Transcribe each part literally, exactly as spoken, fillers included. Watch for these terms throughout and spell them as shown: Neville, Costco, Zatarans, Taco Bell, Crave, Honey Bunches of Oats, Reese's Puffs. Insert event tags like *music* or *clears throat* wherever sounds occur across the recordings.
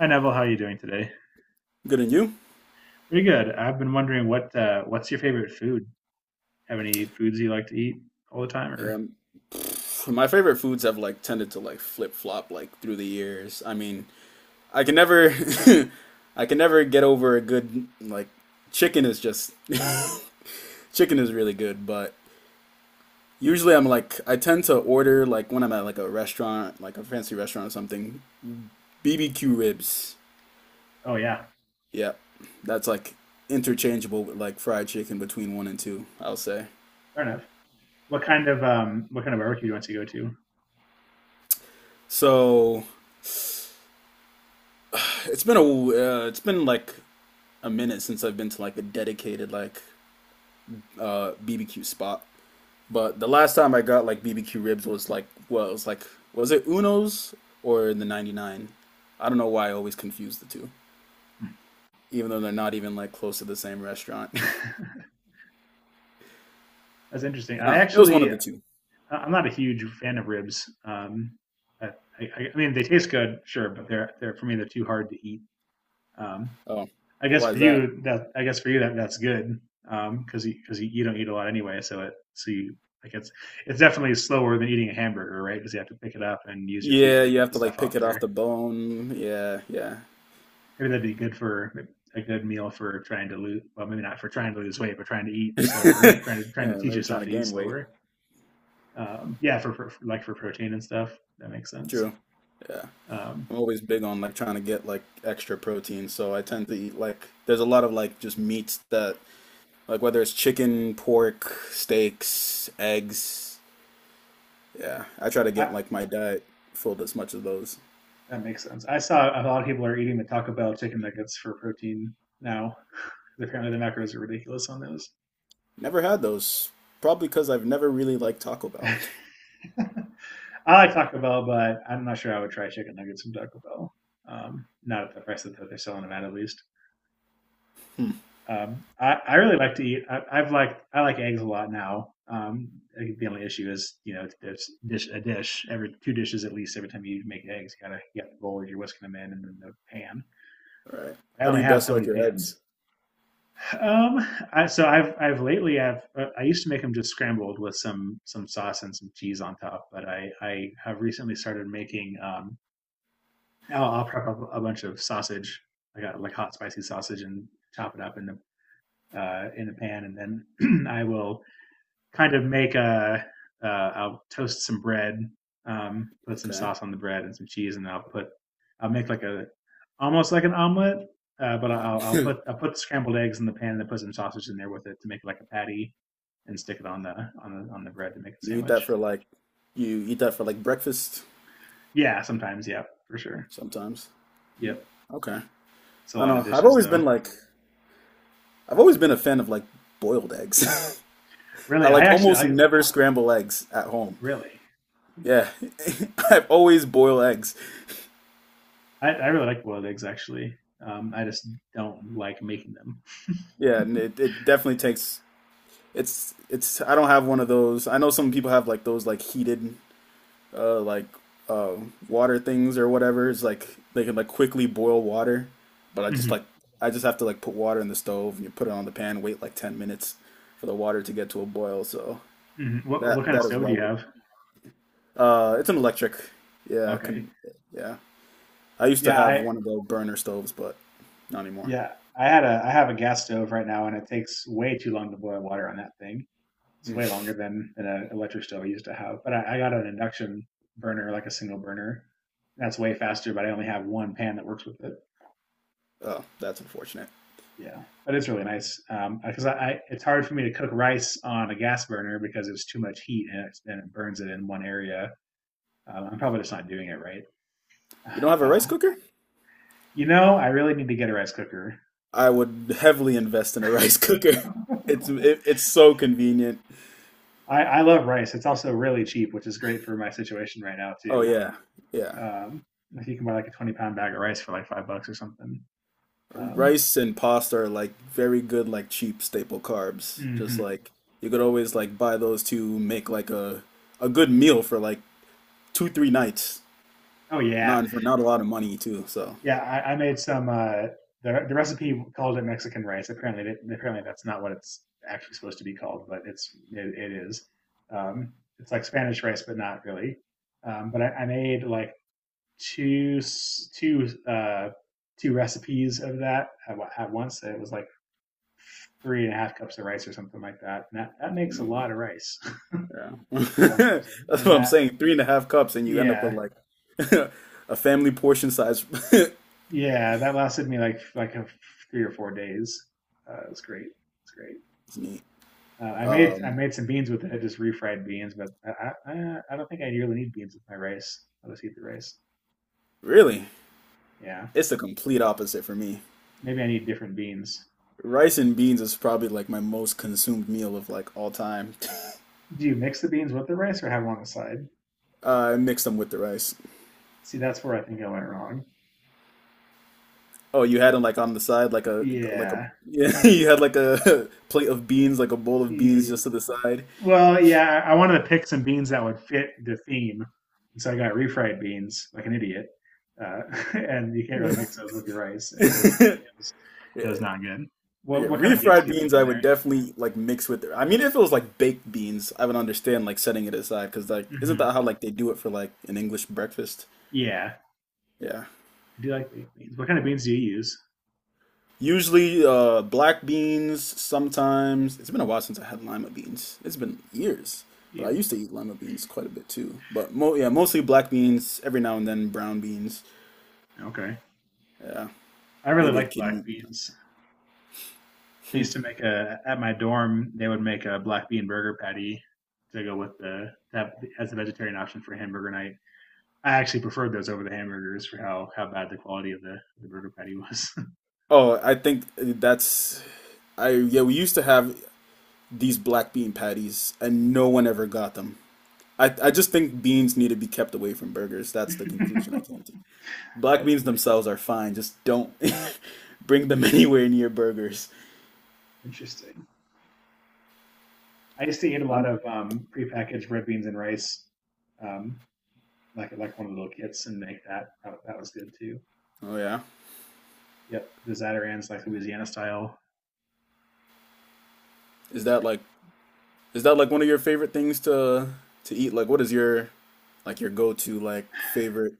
Hi Neville, how are you doing today? Good and you? Pretty good. I've been wondering what uh, what's your favorite food? Have any foods you like to eat all the time, or Um, pff, my favorite foods have like tended to like flip flop like through the years. I mean, I can never, *laughs* I can never get over a good like chicken is just *laughs* chicken is really good, but usually I'm like I tend to order like when I'm at like a restaurant, like a fancy restaurant or something, B B Q ribs. oh yeah, Yeah, that's like interchangeable with like fried chicken between one and two. I'll say. fair enough. What kind of um what kind of barbecue do you want to go to? So it's been a uh, it's been like a minute since I've been to like a dedicated like uh B B Q spot. But the last time I got like B B Q ribs was like well, it was like was it Uno's or the ninety-nine? I don't know why I always confuse the two, even though they're not even like close to the same restaurant. *laughs* That's interesting. *laughs* I No, it was one of actually, I- the two. I'm not a huge fan of ribs. Um, I, I, I mean, they taste good, sure, but they're they're for me they're too hard to eat. Um, Oh, I guess why for is that? you that I guess for you that that's good because you because you, you don't eat a lot anyway, so it so you like it's it's definitely slower than eating a hamburger, right? Because you have to pick it up and use your teeth Yeah, to you get have the to like stuff off pick it off there. the bone. Yeah, yeah. Maybe that'd be good for a good meal for trying to lose. Well, maybe not for trying to lose weight, but trying to eat slower, *laughs* trying to trying to Yeah, teach maybe trying yourself to to eat gain weight. slower. Um, yeah, for, for like for protein and stuff, that makes sense. True. Yeah. Um, I'm always big on like trying to get like extra protein, so I tend to eat like there's a lot of like just meats that like whether it's chicken, pork, steaks, eggs. Yeah, I try to I, get like my diet filled as much of those. that makes sense. I saw a lot of people are eating the Taco Bell chicken nuggets for protein now. Apparently, the macros are ridiculous on those. Never had those, probably because I've never really liked Taco Bell. *laughs* *laughs* I like Taco Bell, but I'm not sure I would try chicken nuggets from Taco Bell. Um, not at the price that they're selling them at, at least. Hmm. Um, I, I really like to eat. I, I've liked I like eggs a lot now. Um, the only issue is you know it's dish a dish every two dishes at least every time you make eggs. You gotta you got the bowl you're whisking them in and then the pan. All right. I How do only you have best so like many your eggs? pans. Um, I, so I've I've lately I've uh, I used to make them just scrambled with some some sauce and some cheese on top, but I I have recently started making um, I'll, I'll prep up a bunch of sausage. I got like hot spicy sausage and chop it up in the uh, in the pan, and then *clears throat* I will kind of make a. Uh, I'll toast some bread, um, put some Okay. sauce on the bread and some cheese, and I'll put. I'll make like a almost like an omelet, uh, but I'll, I'll put *clears throat* *laughs* I'll put scrambled eggs in the pan and then put some sausage in there with it to make like a patty, and stick it on the on the on the bread to make a You eat that sandwich. for like you eat that for like breakfast Yeah, sometimes, yeah, for sure. sometimes. Yep, Okay. it's a I don't lot of know. I've dishes always though. been like I've always been a fan of like boiled eggs. *laughs* I Really, I like actually almost I never scramble eggs at home. really Yeah, *laughs* I always boil eggs. I, I really like boiled eggs actually. Um, I just don't like making them. *laughs* Yeah, and it, it definitely takes it's it's I don't have one of those. I know some people have like those like heated uh like uh water things or whatever. It's like they can like quickly boil water, but I just like Hmm. I just have to like put water in the stove and you put it on the pan, wait like 10 minutes for the water to get to a boil. So Hmm. What what that kind of that is stove do you well have? uh it's an electric. Yeah, Okay. can yeah. I used to Yeah, have I one of those burner stoves, but not anymore. yeah I had a I have a gas stove right now, and it takes way too long to boil water on that thing. It's way Mm. longer than than an electric stove I used to have. But I, I got an induction burner, like a single burner. That's way faster, but I only have one pan that works with it. Oh, that's unfortunate. Yeah, but it's really nice because um, I, I it's hard for me to cook rice on a gas burner because it's too much heat and it, and it burns it in one area. Um, I'm probably just not doing it right. You don't have a rice Um, cooker? you know, I really need to get a rice cooker. I would heavily invest in a *laughs* rice cooker. It's it, it's so convenient. I, I love rice. It's also really cheap, which is great for my situation right now Oh too. yeah, yeah. Um, if you can buy like a twenty pound bag of rice for like five bucks or something. Um, Rice and pasta are like very good, like cheap staple carbs. Just hmm. like you could always like buy those to make like a a good meal for like two three nights. Oh yeah, Not for not a lot of money too. So yeah, I, I made some. Uh, the the recipe called it Mexican rice. Apparently, it, apparently that's not what it's actually supposed to be called, but it's it, it is. Um, it's like Spanish rice, but not really. Um, but I, I made like two two uh, two recipes of that at, at once. It was like three and a half cups of rice or something like that. And that that makes a lot mm, of rice yeah, *laughs* for one *laughs* person. that's And what I'm that saying. Three and a half cups, and you end up with yeah like *laughs* a family portion size. *laughs* yeah that lasted me like like a, three or four days. Uh, it was great. It's great. It's neat. Uh, I made I Um, made some beans with it, just refried beans, but I I, I don't think I really need beans with my rice. I'll just eat the rice. Really? Yeah, It's the complete opposite for me. maybe I need different beans. Rice and beans is probably like my most consumed meal of like all time. *laughs* Do you mix the beans with the rice or have them on the side? Uh, I mix them with the rice. See, that's where I think I went wrong. Oh, you had them like on the side, like a like a Yeah. *laughs* yeah. You had like a *laughs* plate of beans, like a bowl of beans, E- just to the side. Well, yeah, I wanted to pick some beans that would fit the theme, and so I got refried beans like an idiot. Uh, *laughs* and you can't really mix those with your rice, and it was it *laughs* was it was not good. What Yeah, what kind of beans do refried you put beans, in I there? would definitely like mix with. I mean, if it was like baked beans, I would understand like setting it aside because like isn't Hmm. that how like they do it for like an English breakfast? Yeah. Yeah. I do like baked beans. What kind of beans do you use? Usually uh, black beans. Sometimes it's been a while since I had lima beans. It's been years, but I Ew. used to eat lima beans quite a bit too. But mo yeah, mostly black beans. Every now and then brown beans. Okay. I really Maybe a like black kidney. beans. They used to make a at my dorm. They would make a black bean burger patty to go with the that as a vegetarian option for hamburger night. I actually preferred those over the hamburgers for how how bad the quality of the, the burger patty was. Oh, I think that's I yeah. We used to have these black bean patties, and no one ever got them. I I just think beans need to be kept away from burgers. That's the conclusion I came to. *laughs* Black That's beans nice. themselves are fine. Just don't *laughs* bring them anywhere near burgers. Interesting. I used to eat a lot Um, of um, prepackaged red beans and rice, um, like like one of the little kits, and make that. That, that was good too. oh yeah. Yep, the Zatarans, like Louisiana style, Is that it's like is that like one of your favorite things to to eat? Like what is your like your go-to like favorite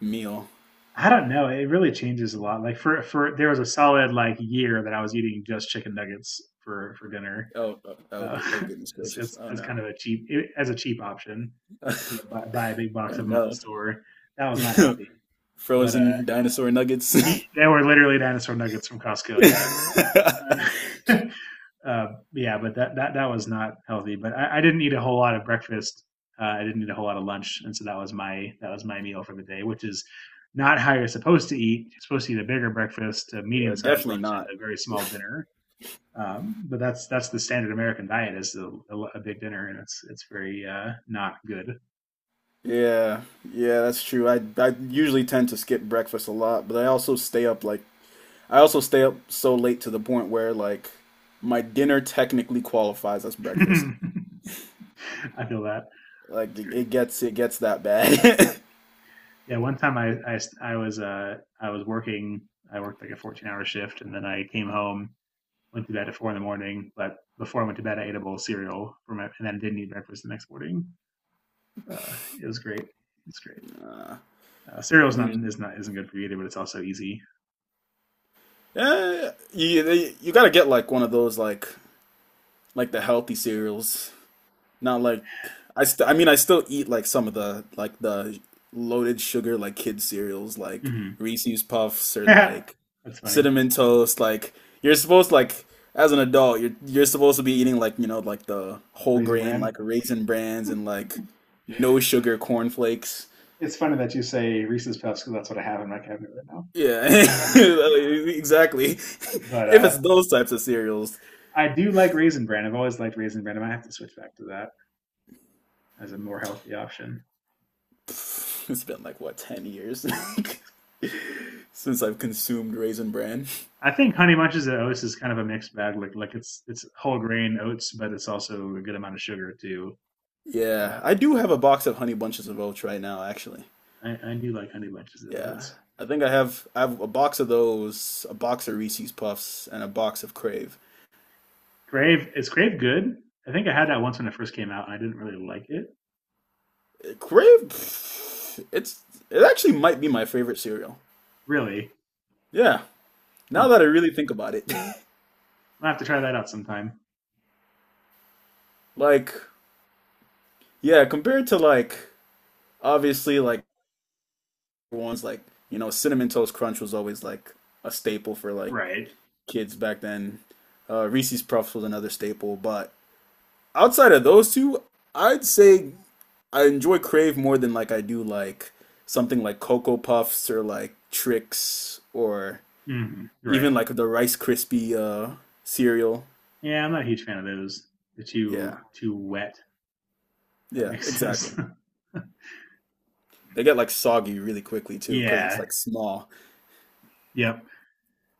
meal? I don't know. It really changes a lot. Like for for there was a solid like year that I was eating just chicken nuggets for for dinner Oh, oh, oh, uh, good- oh goodness *laughs* as, gracious. as Oh as kind no. of a cheap eh, as a cheap option. You know, buy, buy a big Oh box of them at the no. store. That was not *laughs* healthy, but uh, Frozen dinosaur eat, nuggets. *laughs* they were literally dinosaur nuggets from Costco. Yeah, *laughs* uh, yeah, but that, that that was not healthy. But I, I didn't eat a whole lot of breakfast. Uh, I didn't eat a whole lot of lunch, and so that was my that was my meal for the day, which is not how you're supposed to eat. You're supposed to eat a bigger breakfast, a Yeah, medium sized definitely lunch, and not. a very small dinner. Um, but that's that's the standard American diet is a, a, a big dinner, and it's it's very uh, not good. Yeah, yeah, that's true. I I usually tend to skip breakfast a lot, but I also stay up like I also stay up so late to the point where like my dinner technically qualifies as breakfast. *laughs* I feel that. Like That's it, great. it gets it gets that bad. *laughs* Yeah, one time I I, I was uh, I was working. I worked like a fourteen hour shift, and then I came home went to bed at four in the morning, but before I went to bed, I ate a bowl of cereal for my, and then didn't eat breakfast the next morning. Uh, it was great. It's great. Uh, cereal is not You, is not isn't good for you either, but it's also easy. yeah, you they, you gotta get like one of those like like the healthy cereals. Not like I st I mean I still eat like some of the like the loaded sugar like kid cereals like Hmm. Reese's Puffs *laughs* or like That's funny. cinnamon toast. Like you're supposed like as an adult you're you're supposed to be eating like you know like the whole Raisin grain like bran. Raisin Brans and like no sugar cornflakes. It's funny that you say Reese's Puffs because that's what I have in my cabinet right now. Yeah, *laughs* Uh, exactly. *laughs* but If uh, it's those types of cereals, I do like raisin bran. I've always liked raisin bran. I might have to switch back to that as a more healthy option. pff, it's been like what, 10 years *laughs* since I've consumed Raisin Bran. I think Honey Bunches of Oats is kind of a mixed bag. Like like it's it's whole grain oats, but it's also a good amount of sugar too. Yeah, Uh, I do but have a box of Honey Bunches of Oats right now, actually. I, I do like Honey Bunches of Yeah, Oats. I think I have I have a box of those, a box of Reese's Puffs, and a box of Crave. Grave is Grave good? I think I had that once when it first came out, and I didn't really like it. Uh, Crave, pff, it's it actually might be my favorite cereal. Really? Yeah, now Huh. that I really think about it, I'll have to try that out sometime. *laughs* like yeah, compared to like obviously like ones like you know cinnamon toast crunch was always like a staple for like Right. kids back then. Uh, Reese's Puffs was another staple, but outside of those two, I'd say I enjoy Crave more than like I do like something like Cocoa Puffs or like Trix or Hmm. Right. even like the Rice Krispie uh, cereal. Yeah, I'm not a huge fan of those. They're too Yeah, too wet. That yeah, makes exactly. sense. They get like soggy really quickly *laughs* too because it's Yeah. like small. Yep.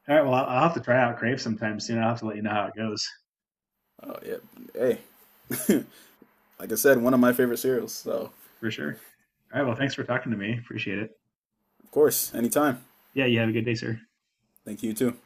All right. Well, I'll I'll have to try out Crave sometime soon. I'll have to let you know how it goes Uh, yeah, hey, *laughs* like I said, one of my favorite cereals. So for sure. All right. Well, thanks for talking to me. Appreciate it. of course, anytime. Yeah. You have a good day, sir. Thank you too.